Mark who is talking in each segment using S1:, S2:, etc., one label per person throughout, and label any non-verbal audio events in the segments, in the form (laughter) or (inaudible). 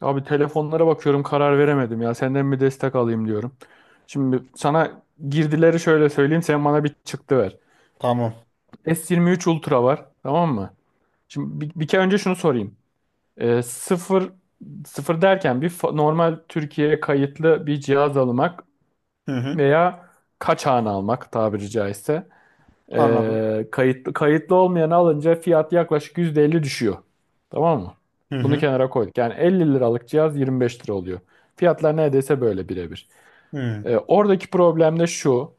S1: Abi telefonlara bakıyorum, karar veremedim ya. Senden bir destek alayım diyorum. Şimdi sana girdileri şöyle söyleyeyim. Sen bana bir çıktı ver.
S2: Tamam.
S1: S23 Ultra var. Tamam mı? Şimdi bir kere önce şunu sorayım. Ee, sıfır, sıfır derken normal Türkiye'ye kayıtlı bir cihaz almak
S2: Hı hı.
S1: veya kaçağını almak tabiri caizse.
S2: Anladım.
S1: Kayıtlı olmayanı alınca fiyat yaklaşık %50 düşüyor. Tamam mı?
S2: Hı
S1: Bunu
S2: hı.
S1: kenara koyduk. Yani 50 liralık cihaz 25 lira oluyor. Fiyatlar neredeyse böyle birebir.
S2: Hı
S1: Oradaki problem de şu.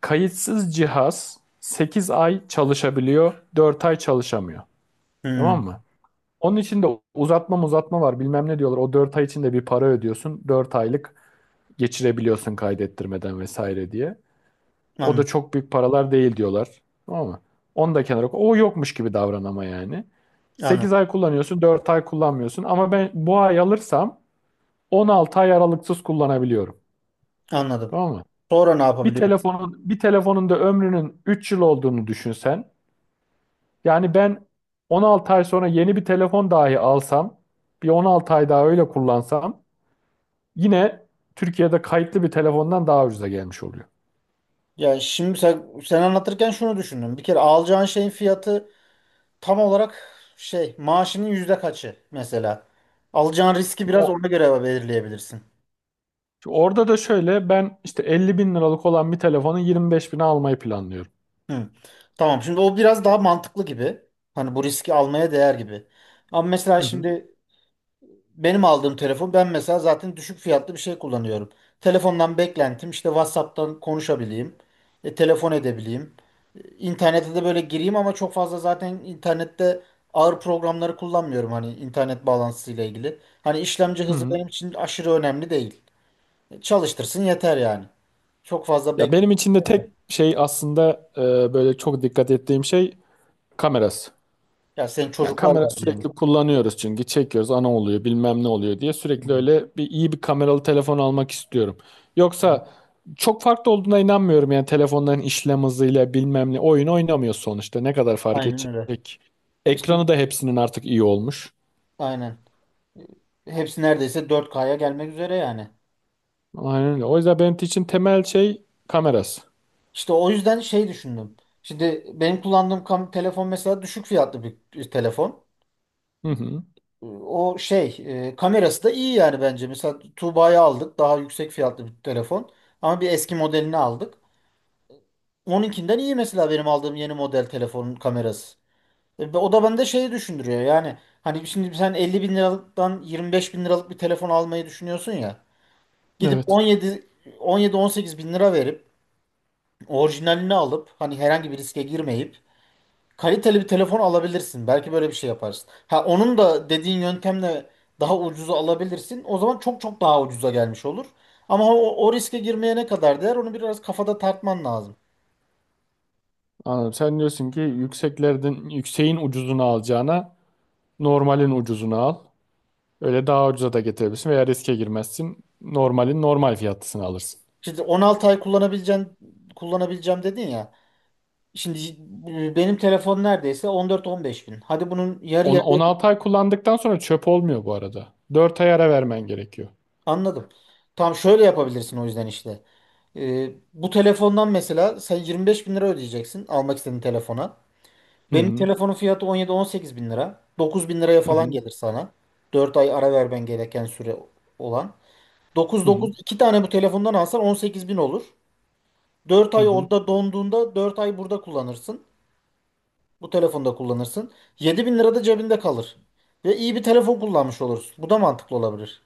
S1: Kayıtsız cihaz 8 ay çalışabiliyor, 4 ay çalışamıyor.
S2: hı.
S1: Tamam mı? Onun için de uzatma uzatma var bilmem ne diyorlar. O 4 ay içinde bir para ödüyorsun. 4 aylık geçirebiliyorsun kaydettirmeden vesaire diye. O da
S2: Anladım.
S1: çok büyük paralar değil diyorlar. Tamam mı? Onu da kenara koy. O yokmuş gibi davran ama yani.
S2: Anladım.
S1: 8 ay kullanıyorsun, 4 ay kullanmıyorsun. Ama ben bu ay alırsam 16 ay aralıksız kullanabiliyorum.
S2: Anladım.
S1: Tamam mı?
S2: Sonra ne
S1: Bir
S2: yapabiliyorum?
S1: telefonun bir telefonun da ömrünün 3 yıl olduğunu düşünsen. Yani ben 16 ay sonra yeni bir telefon dahi alsam, bir 16 ay daha öyle kullansam yine Türkiye'de kayıtlı bir telefondan daha ucuza gelmiş oluyor.
S2: Ya şimdi sen anlatırken şunu düşündüm. Bir kere alacağın şeyin fiyatı tam olarak şey maaşının yüzde kaçı mesela. Alacağın riski
S1: Şimdi
S2: biraz ona göre belirleyebilirsin.
S1: Şimdi orada da şöyle, ben işte 50 bin liralık olan bir telefonu 25 bine almayı planlıyorum.
S2: Hı. Tamam. Şimdi o biraz daha mantıklı gibi. Hani bu riski almaya değer gibi. Ama mesela
S1: Hı hı.
S2: şimdi benim aldığım telefon ben mesela zaten düşük fiyatlı bir şey kullanıyorum. Telefondan beklentim işte WhatsApp'tan konuşabileyim, telefon edebileyim. E, İnternete de böyle gireyim ama çok fazla zaten internette ağır programları kullanmıyorum hani internet bağlantısıyla ilgili. Hani işlemci
S1: Hı
S2: hızı
S1: hı.
S2: benim için aşırı önemli değil. E, çalıştırsın yeter yani. Çok fazla
S1: Ya
S2: bekle.
S1: benim için de tek şey aslında, böyle çok dikkat ettiğim şey kamerası.
S2: Ya senin
S1: Yani
S2: çocuklar
S1: kamera
S2: var
S1: sürekli
S2: diyelim.
S1: kullanıyoruz, çünkü çekiyoruz, ana oluyor, bilmem ne oluyor diye
S2: Hı,
S1: sürekli öyle bir iyi bir kameralı telefon almak istiyorum. Yoksa çok farklı olduğuna inanmıyorum yani, telefonların işlem hızıyla bilmem ne, oyun oynamıyor sonuçta, ne kadar fark
S2: aynen öyle.
S1: edecek.
S2: İşte
S1: Ekranı da hepsinin artık iyi olmuş.
S2: aynen. E, hepsi neredeyse 4K'ya gelmek üzere yani.
S1: Aynen öyle. O yüzden benim için temel şey kamerası.
S2: İşte o yüzden şey düşündüm. Şimdi benim kullandığım telefon mesela düşük fiyatlı bir telefon.
S1: Hı hı.
S2: O şey, kamerası da iyi yani bence. Mesela Tuğba'yı aldık daha yüksek fiyatlı bir telefon. Ama bir eski modelini aldık. Onunkinden iyi mesela benim aldığım yeni model telefonun kamerası. E, o da bende şeyi düşündürüyor yani. Hani şimdi sen 50 bin liralıktan 25 bin liralık bir telefon almayı düşünüyorsun ya. Gidip
S1: Evet.
S2: 17, 17-18 bin lira verip orijinalini alıp hani herhangi bir riske girmeyip kaliteli bir telefon alabilirsin. Belki böyle bir şey yaparsın. Ha, onun da dediğin yöntemle daha ucuza alabilirsin. O zaman çok çok daha ucuza gelmiş olur. Ama o riske girmeye ne kadar değer onu biraz kafada tartman lazım.
S1: Anladım. Sen diyorsun ki yükseklerden yükseğin ucuzunu alacağına normalin ucuzunu al. Öyle daha ucuza da getirebilirsin veya riske girmezsin. Normalin normal fiyatlısını alırsın.
S2: Şimdi 16 ay kullanabileceğim dedin ya. Şimdi benim telefon neredeyse 14-15 bin. Hadi bunun yarı yarıya.
S1: 16 ay kullandıktan sonra çöp olmuyor bu arada. 4 ay ara vermen gerekiyor.
S2: Anladım. Tamam şöyle yapabilirsin o yüzden işte. E, bu telefondan mesela sen 25 bin lira ödeyeceksin almak istediğin telefona.
S1: Hı
S2: Benim
S1: hı.
S2: telefonun fiyatı 17-18 bin lira. 9 bin liraya
S1: Hı
S2: falan
S1: hı.
S2: gelir sana. 4 ay ara vermen gereken süre olan.
S1: Hı hı.
S2: 9-9, 2 tane bu telefondan alsan 18 bin olur. Dört
S1: Hı
S2: ay
S1: hı.
S2: orada donduğunda 4 ay burada kullanırsın. Bu telefonda kullanırsın. 7 bin lira da cebinde kalır. Ve iyi bir telefon kullanmış olursun. Bu da mantıklı olabilir.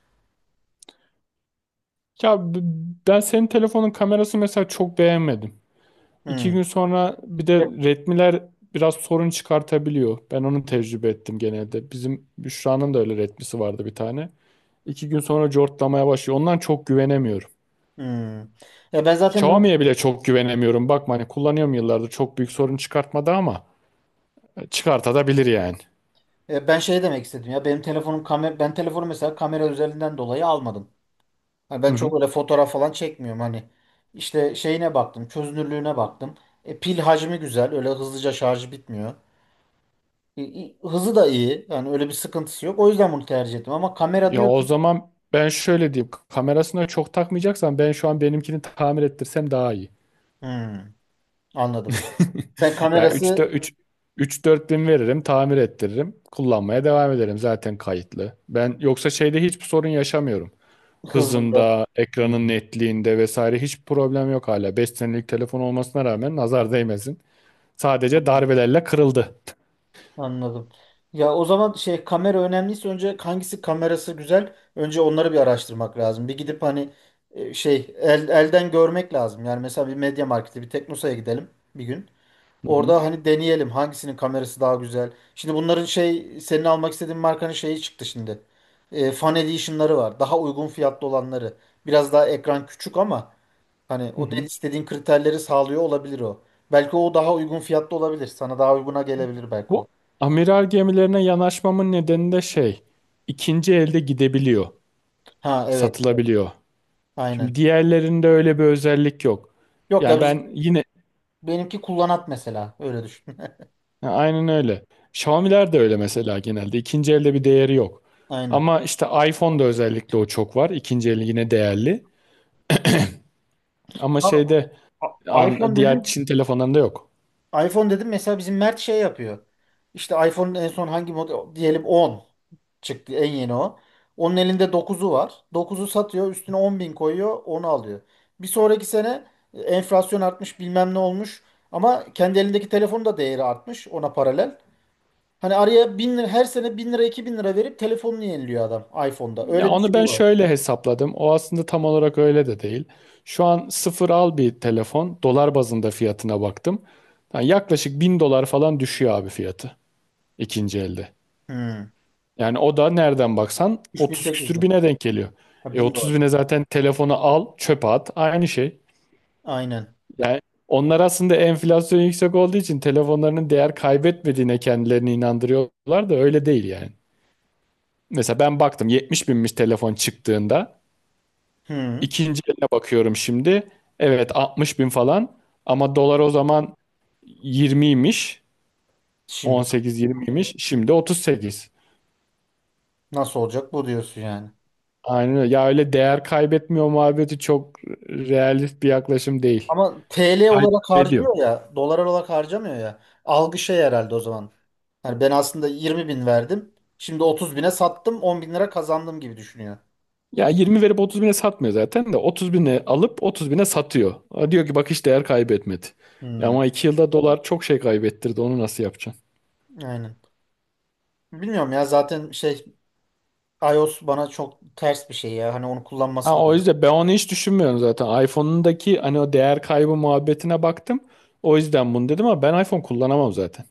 S1: Ya b- Ben senin telefonun kamerası mesela çok beğenmedim. İki
S2: Hmm.
S1: gün sonra bir de
S2: E-
S1: retmiler biraz sorun çıkartabiliyor. Ben onu tecrübe ettim genelde. Bizim Büşra'nın da öyle retmisi vardı bir tane. İki gün sonra cortlamaya başlıyor. Ondan çok güvenemiyorum.
S2: Hmm. E, ben zaten bunu,
S1: Xiaomi'ye bile çok güvenemiyorum. Bakma, hani kullanıyorum yıllardır, çok büyük sorun çıkartmadı ama çıkartabilir yani.
S2: ben şey demek istedim ya. Benim telefonum kamera, ben telefonu mesela kamera özelliğinden dolayı almadım. Hani
S1: Hı
S2: ben
S1: hı.
S2: çok öyle fotoğraf falan çekmiyorum hani. İşte şeyine baktım, çözünürlüğüne baktım. E, pil hacmi güzel, öyle hızlıca şarjı bitmiyor. Hızı da iyi, yani öyle bir sıkıntısı yok. O yüzden bunu tercih ettim ama kamera
S1: Ya o
S2: diyorsun.
S1: zaman ben şöyle diyeyim. Kamerasına çok takmayacaksan ben şu an benimkini tamir ettirsem daha iyi.
S2: Hmm, anladım.
S1: (laughs)
S2: Sen
S1: Ya 3
S2: kamerası
S1: üç 4 bin veririm, tamir ettiririm. Kullanmaya devam ederim, zaten kayıtlı. Ben yoksa şeyde hiçbir sorun yaşamıyorum.
S2: hızında.
S1: Hızında,
S2: Hmm,
S1: ekranın netliğinde vesaire hiç problem yok hala. 5 senelik telefon olmasına rağmen nazar değmesin. Sadece darbelerle kırıldı.
S2: anladım. Ya o zaman şey, kamera önemliyse önce hangisi kamerası güzel? Önce onları bir araştırmak lazım. Bir gidip hani şey elden görmek lazım. Yani mesela bir Media Markt'e, bir Teknosa'ya gidelim bir gün.
S1: Hı hı,
S2: Orada hani deneyelim hangisinin kamerası daha güzel. Şimdi bunların şey senin almak istediğin markanın şeyi çıktı şimdi. E, Fan Edition'ları var. Daha uygun fiyatlı olanları. Biraz daha ekran küçük ama hani
S1: hı
S2: o dediğin
S1: hı.
S2: istediğin kriterleri sağlıyor olabilir o. Belki o daha uygun fiyatlı olabilir. Sana daha uyguna gelebilir belki o.
S1: Bu amiral gemilerine yanaşmamın nedeni de şey, ikinci elde gidebiliyor,
S2: Ha, evet. Evet.
S1: satılabiliyor. Şimdi
S2: Aynen.
S1: diğerlerinde öyle bir özellik yok.
S2: Yok ya,
S1: Yani
S2: biz
S1: ben yine.
S2: benimki kullanat mesela. Öyle düşün.
S1: Ya, aynen öyle. Xiaomi'ler de öyle mesela genelde. İkinci elde bir değeri yok.
S2: (laughs) Aynen.
S1: Ama işte iPhone'da özellikle o çok var. İkinci eli yine değerli. Ama
S2: Tamam.
S1: şeyde
S2: A-
S1: an,
S2: iPhone
S1: diğer
S2: dedim
S1: Çin telefonlarında yok.
S2: iPhone dedim mesela, bizim Mert şey yapıyor. İşte iPhone'un en son hangi model diyelim, 10 çıktı en yeni o. Onun elinde dokuzu var. Dokuzu satıyor, üstüne 10 bin koyuyor, onu alıyor. Bir sonraki sene enflasyon artmış, bilmem ne olmuş. Ama kendi elindeki telefonun da değeri artmış ona paralel. Hani araya 1.000 lira, her sene 1.000 lira, 2.000 lira verip telefonunu yeniliyor adam iPhone'da.
S1: Ya
S2: Öyle bir
S1: onu
S2: şey
S1: ben
S2: var.
S1: şöyle hesapladım. O aslında tam olarak öyle de değil. Şu an sıfır al bir telefon. Dolar bazında fiyatına baktım. Yani yaklaşık 1000 dolar falan düşüyor abi fiyatı ikinci elde.
S2: Hmm.
S1: Yani o da nereden baksan 30 küsür
S2: 3.800.
S1: bine denk geliyor.
S2: Ha, 1.000 dolar.
S1: 30 bine zaten telefonu al, çöpe at, aynı şey.
S2: Aynen.
S1: Yani onlar aslında enflasyon yüksek olduğu için telefonlarının değer kaybetmediğine kendilerini inandırıyorlar da öyle değil yani. Mesela ben baktım 70 binmiş telefon çıktığında.
S2: Hmm.
S1: İkinci eline bakıyorum şimdi. Evet, 60 bin falan ama dolar o zaman 20'ymiş.
S2: Şimdi
S1: 18-20'ymiş. Şimdi 38.
S2: nasıl olacak bu diyorsun yani.
S1: Aynen öyle. Ya öyle değer kaybetmiyor muhabbeti çok realist bir yaklaşım değil.
S2: Ama TL olarak
S1: Kaybediyor.
S2: harcıyor ya, dolar olarak harcamıyor ya. Algı şey herhalde o zaman. Hani ben aslında 20 bin verdim. Şimdi 30 bine sattım, 10 bin lira kazandım gibi düşünüyor.
S1: Ya 20 verip 30 bine satmıyor zaten, de 30 bine alıp 30 bine satıyor. O diyor ki bak, hiç değer kaybetmedi.
S2: Hmm,
S1: Ama 2 yılda dolar çok şey kaybettirdi, onu nasıl yapacaksın?
S2: aynen. Bilmiyorum ya, zaten şey, iOS bana çok ters bir şey ya. Hani onu kullanması
S1: Ha,
S2: da
S1: o
S2: öyle.
S1: yüzden ben onu hiç düşünmüyorum zaten. iPhone'undaki hani o değer kaybı muhabbetine baktım. O yüzden bunu dedim ama ben iPhone kullanamam zaten.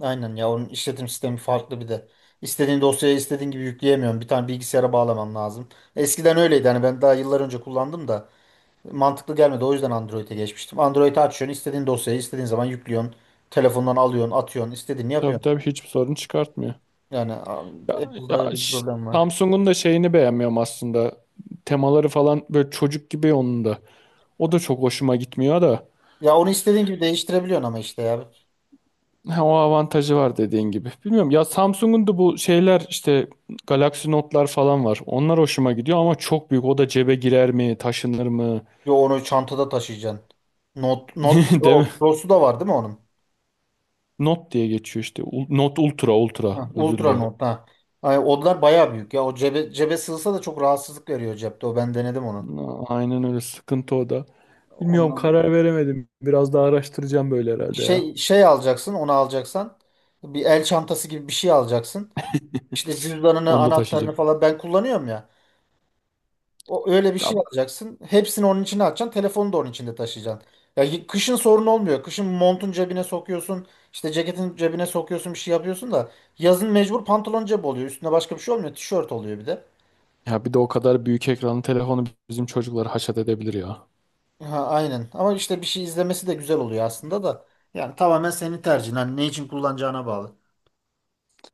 S2: Aynen ya, onun işletim sistemi farklı bir de. İstediğin dosyayı istediğin gibi yükleyemiyorum. Bir tane bilgisayara bağlaman lazım. Eskiden öyleydi hani, ben daha yıllar önce kullandım da. Mantıklı gelmedi. O yüzden Android'e geçmiştim. Android'i açıyorsun, istediğin dosyayı istediğin zaman yüklüyorsun. Telefondan alıyorsun, atıyorsun, istediğini
S1: Tabii
S2: yapıyorsun.
S1: tabii hiçbir sorun çıkartmıyor.
S2: Yani
S1: Ya,
S2: Apple'da öyle
S1: ya
S2: bir
S1: ş-
S2: problem var.
S1: Samsung'un da şeyini beğenmiyorum aslında. Temaları falan böyle çocuk gibi onun da. O da çok hoşuma gitmiyor da.
S2: Ya onu istediğin gibi değiştirebiliyorsun ama işte ya.
S1: Ha, o avantajı var dediğin gibi. Bilmiyorum ya, Samsung'un da bu şeyler işte Galaxy Note'lar falan var. Onlar hoşuma gidiyor ama çok büyük. O da cebe girer mi, taşınır mı?
S2: Yo, onu çantada taşıyacaksın. Note, Note
S1: (laughs) Değil mi?
S2: Pro, Pro'su da var değil mi onun?
S1: Note diye geçiyor işte. Note Ultra, Ultra.
S2: Ha,
S1: Özür
S2: Ultra
S1: dilerim.
S2: Note ha. Ay, onlar bayağı büyük ya. O cebe sığsa da çok rahatsızlık veriyor cepte. O, ben denedim onu.
S1: Aynen öyle sıkıntı o da. Bilmiyorum,
S2: Ondan
S1: karar veremedim. Biraz daha araştıracağım böyle herhalde ya.
S2: şey alacaksın, onu alacaksan bir el çantası gibi bir şey alacaksın. İşte cüzdanını,
S1: Onu da
S2: anahtarını
S1: taşıyacağım.
S2: falan ben kullanıyorum ya. O öyle bir şey
S1: Ya,
S2: alacaksın. Hepsini onun içine atacaksın. Telefonu da onun içinde taşıyacaksın. Ya kışın sorun olmuyor. Kışın montun cebine sokuyorsun. İşte ceketin cebine sokuyorsun, bir şey yapıyorsun da yazın mecbur pantolon cebi oluyor. Üstüne başka bir şey olmuyor. Tişört oluyor bir de.
S1: ya, bir de o kadar büyük ekranlı telefonu bizim çocukları haşat edebilir ya.
S2: Ha, aynen. Ama işte bir şey izlemesi de güzel oluyor aslında da. Yani tamamen senin tercihin. Hani ne için kullanacağına bağlı.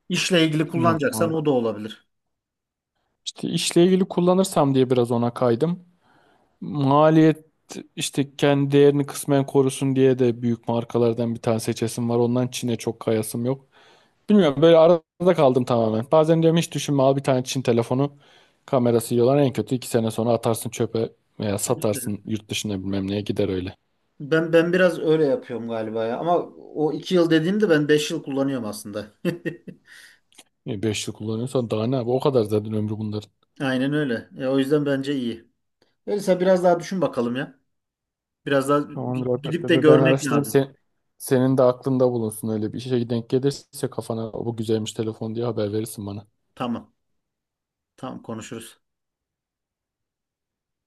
S2: İşle ilgili
S1: Bilmiyorum
S2: kullanacaksan
S1: abi.
S2: o da olabilir.
S1: İşte işle ilgili kullanırsam diye biraz ona kaydım. Maliyet, işte kendi değerini kısmen korusun diye de büyük markalardan bir tane seçesim var. Ondan Çin'e çok kayasım yok. Bilmiyorum, böyle arada kaldım tamamen. Bazen diyorum hiç düşünme al bir tane Çin telefonu, kamerası yiyorlar. En kötü 2 sene sonra atarsın çöpe veya
S2: İşte.
S1: satarsın yurt dışına bilmem neye gider öyle.
S2: Ben biraz öyle yapıyorum galiba ya. Ama o 2 yıl dediğimde ben 5 yıl kullanıyorum aslında.
S1: 5 yıl kullanıyorsan daha ne abi, o kadar zaten ömrü bunların.
S2: (laughs) Aynen öyle. E, o yüzden bence iyi. Elisa biraz daha düşün bakalım ya. Biraz daha
S1: Tamamdır abi,
S2: gidip
S1: ben,
S2: de
S1: ben ben
S2: görmek
S1: araştırayım,
S2: lazım.
S1: sen, senin de aklında bulunsun, öyle bir işe denk gelirse kafana bu güzelmiş telefon diye haber verirsin bana.
S2: Tamam. Tamam konuşuruz.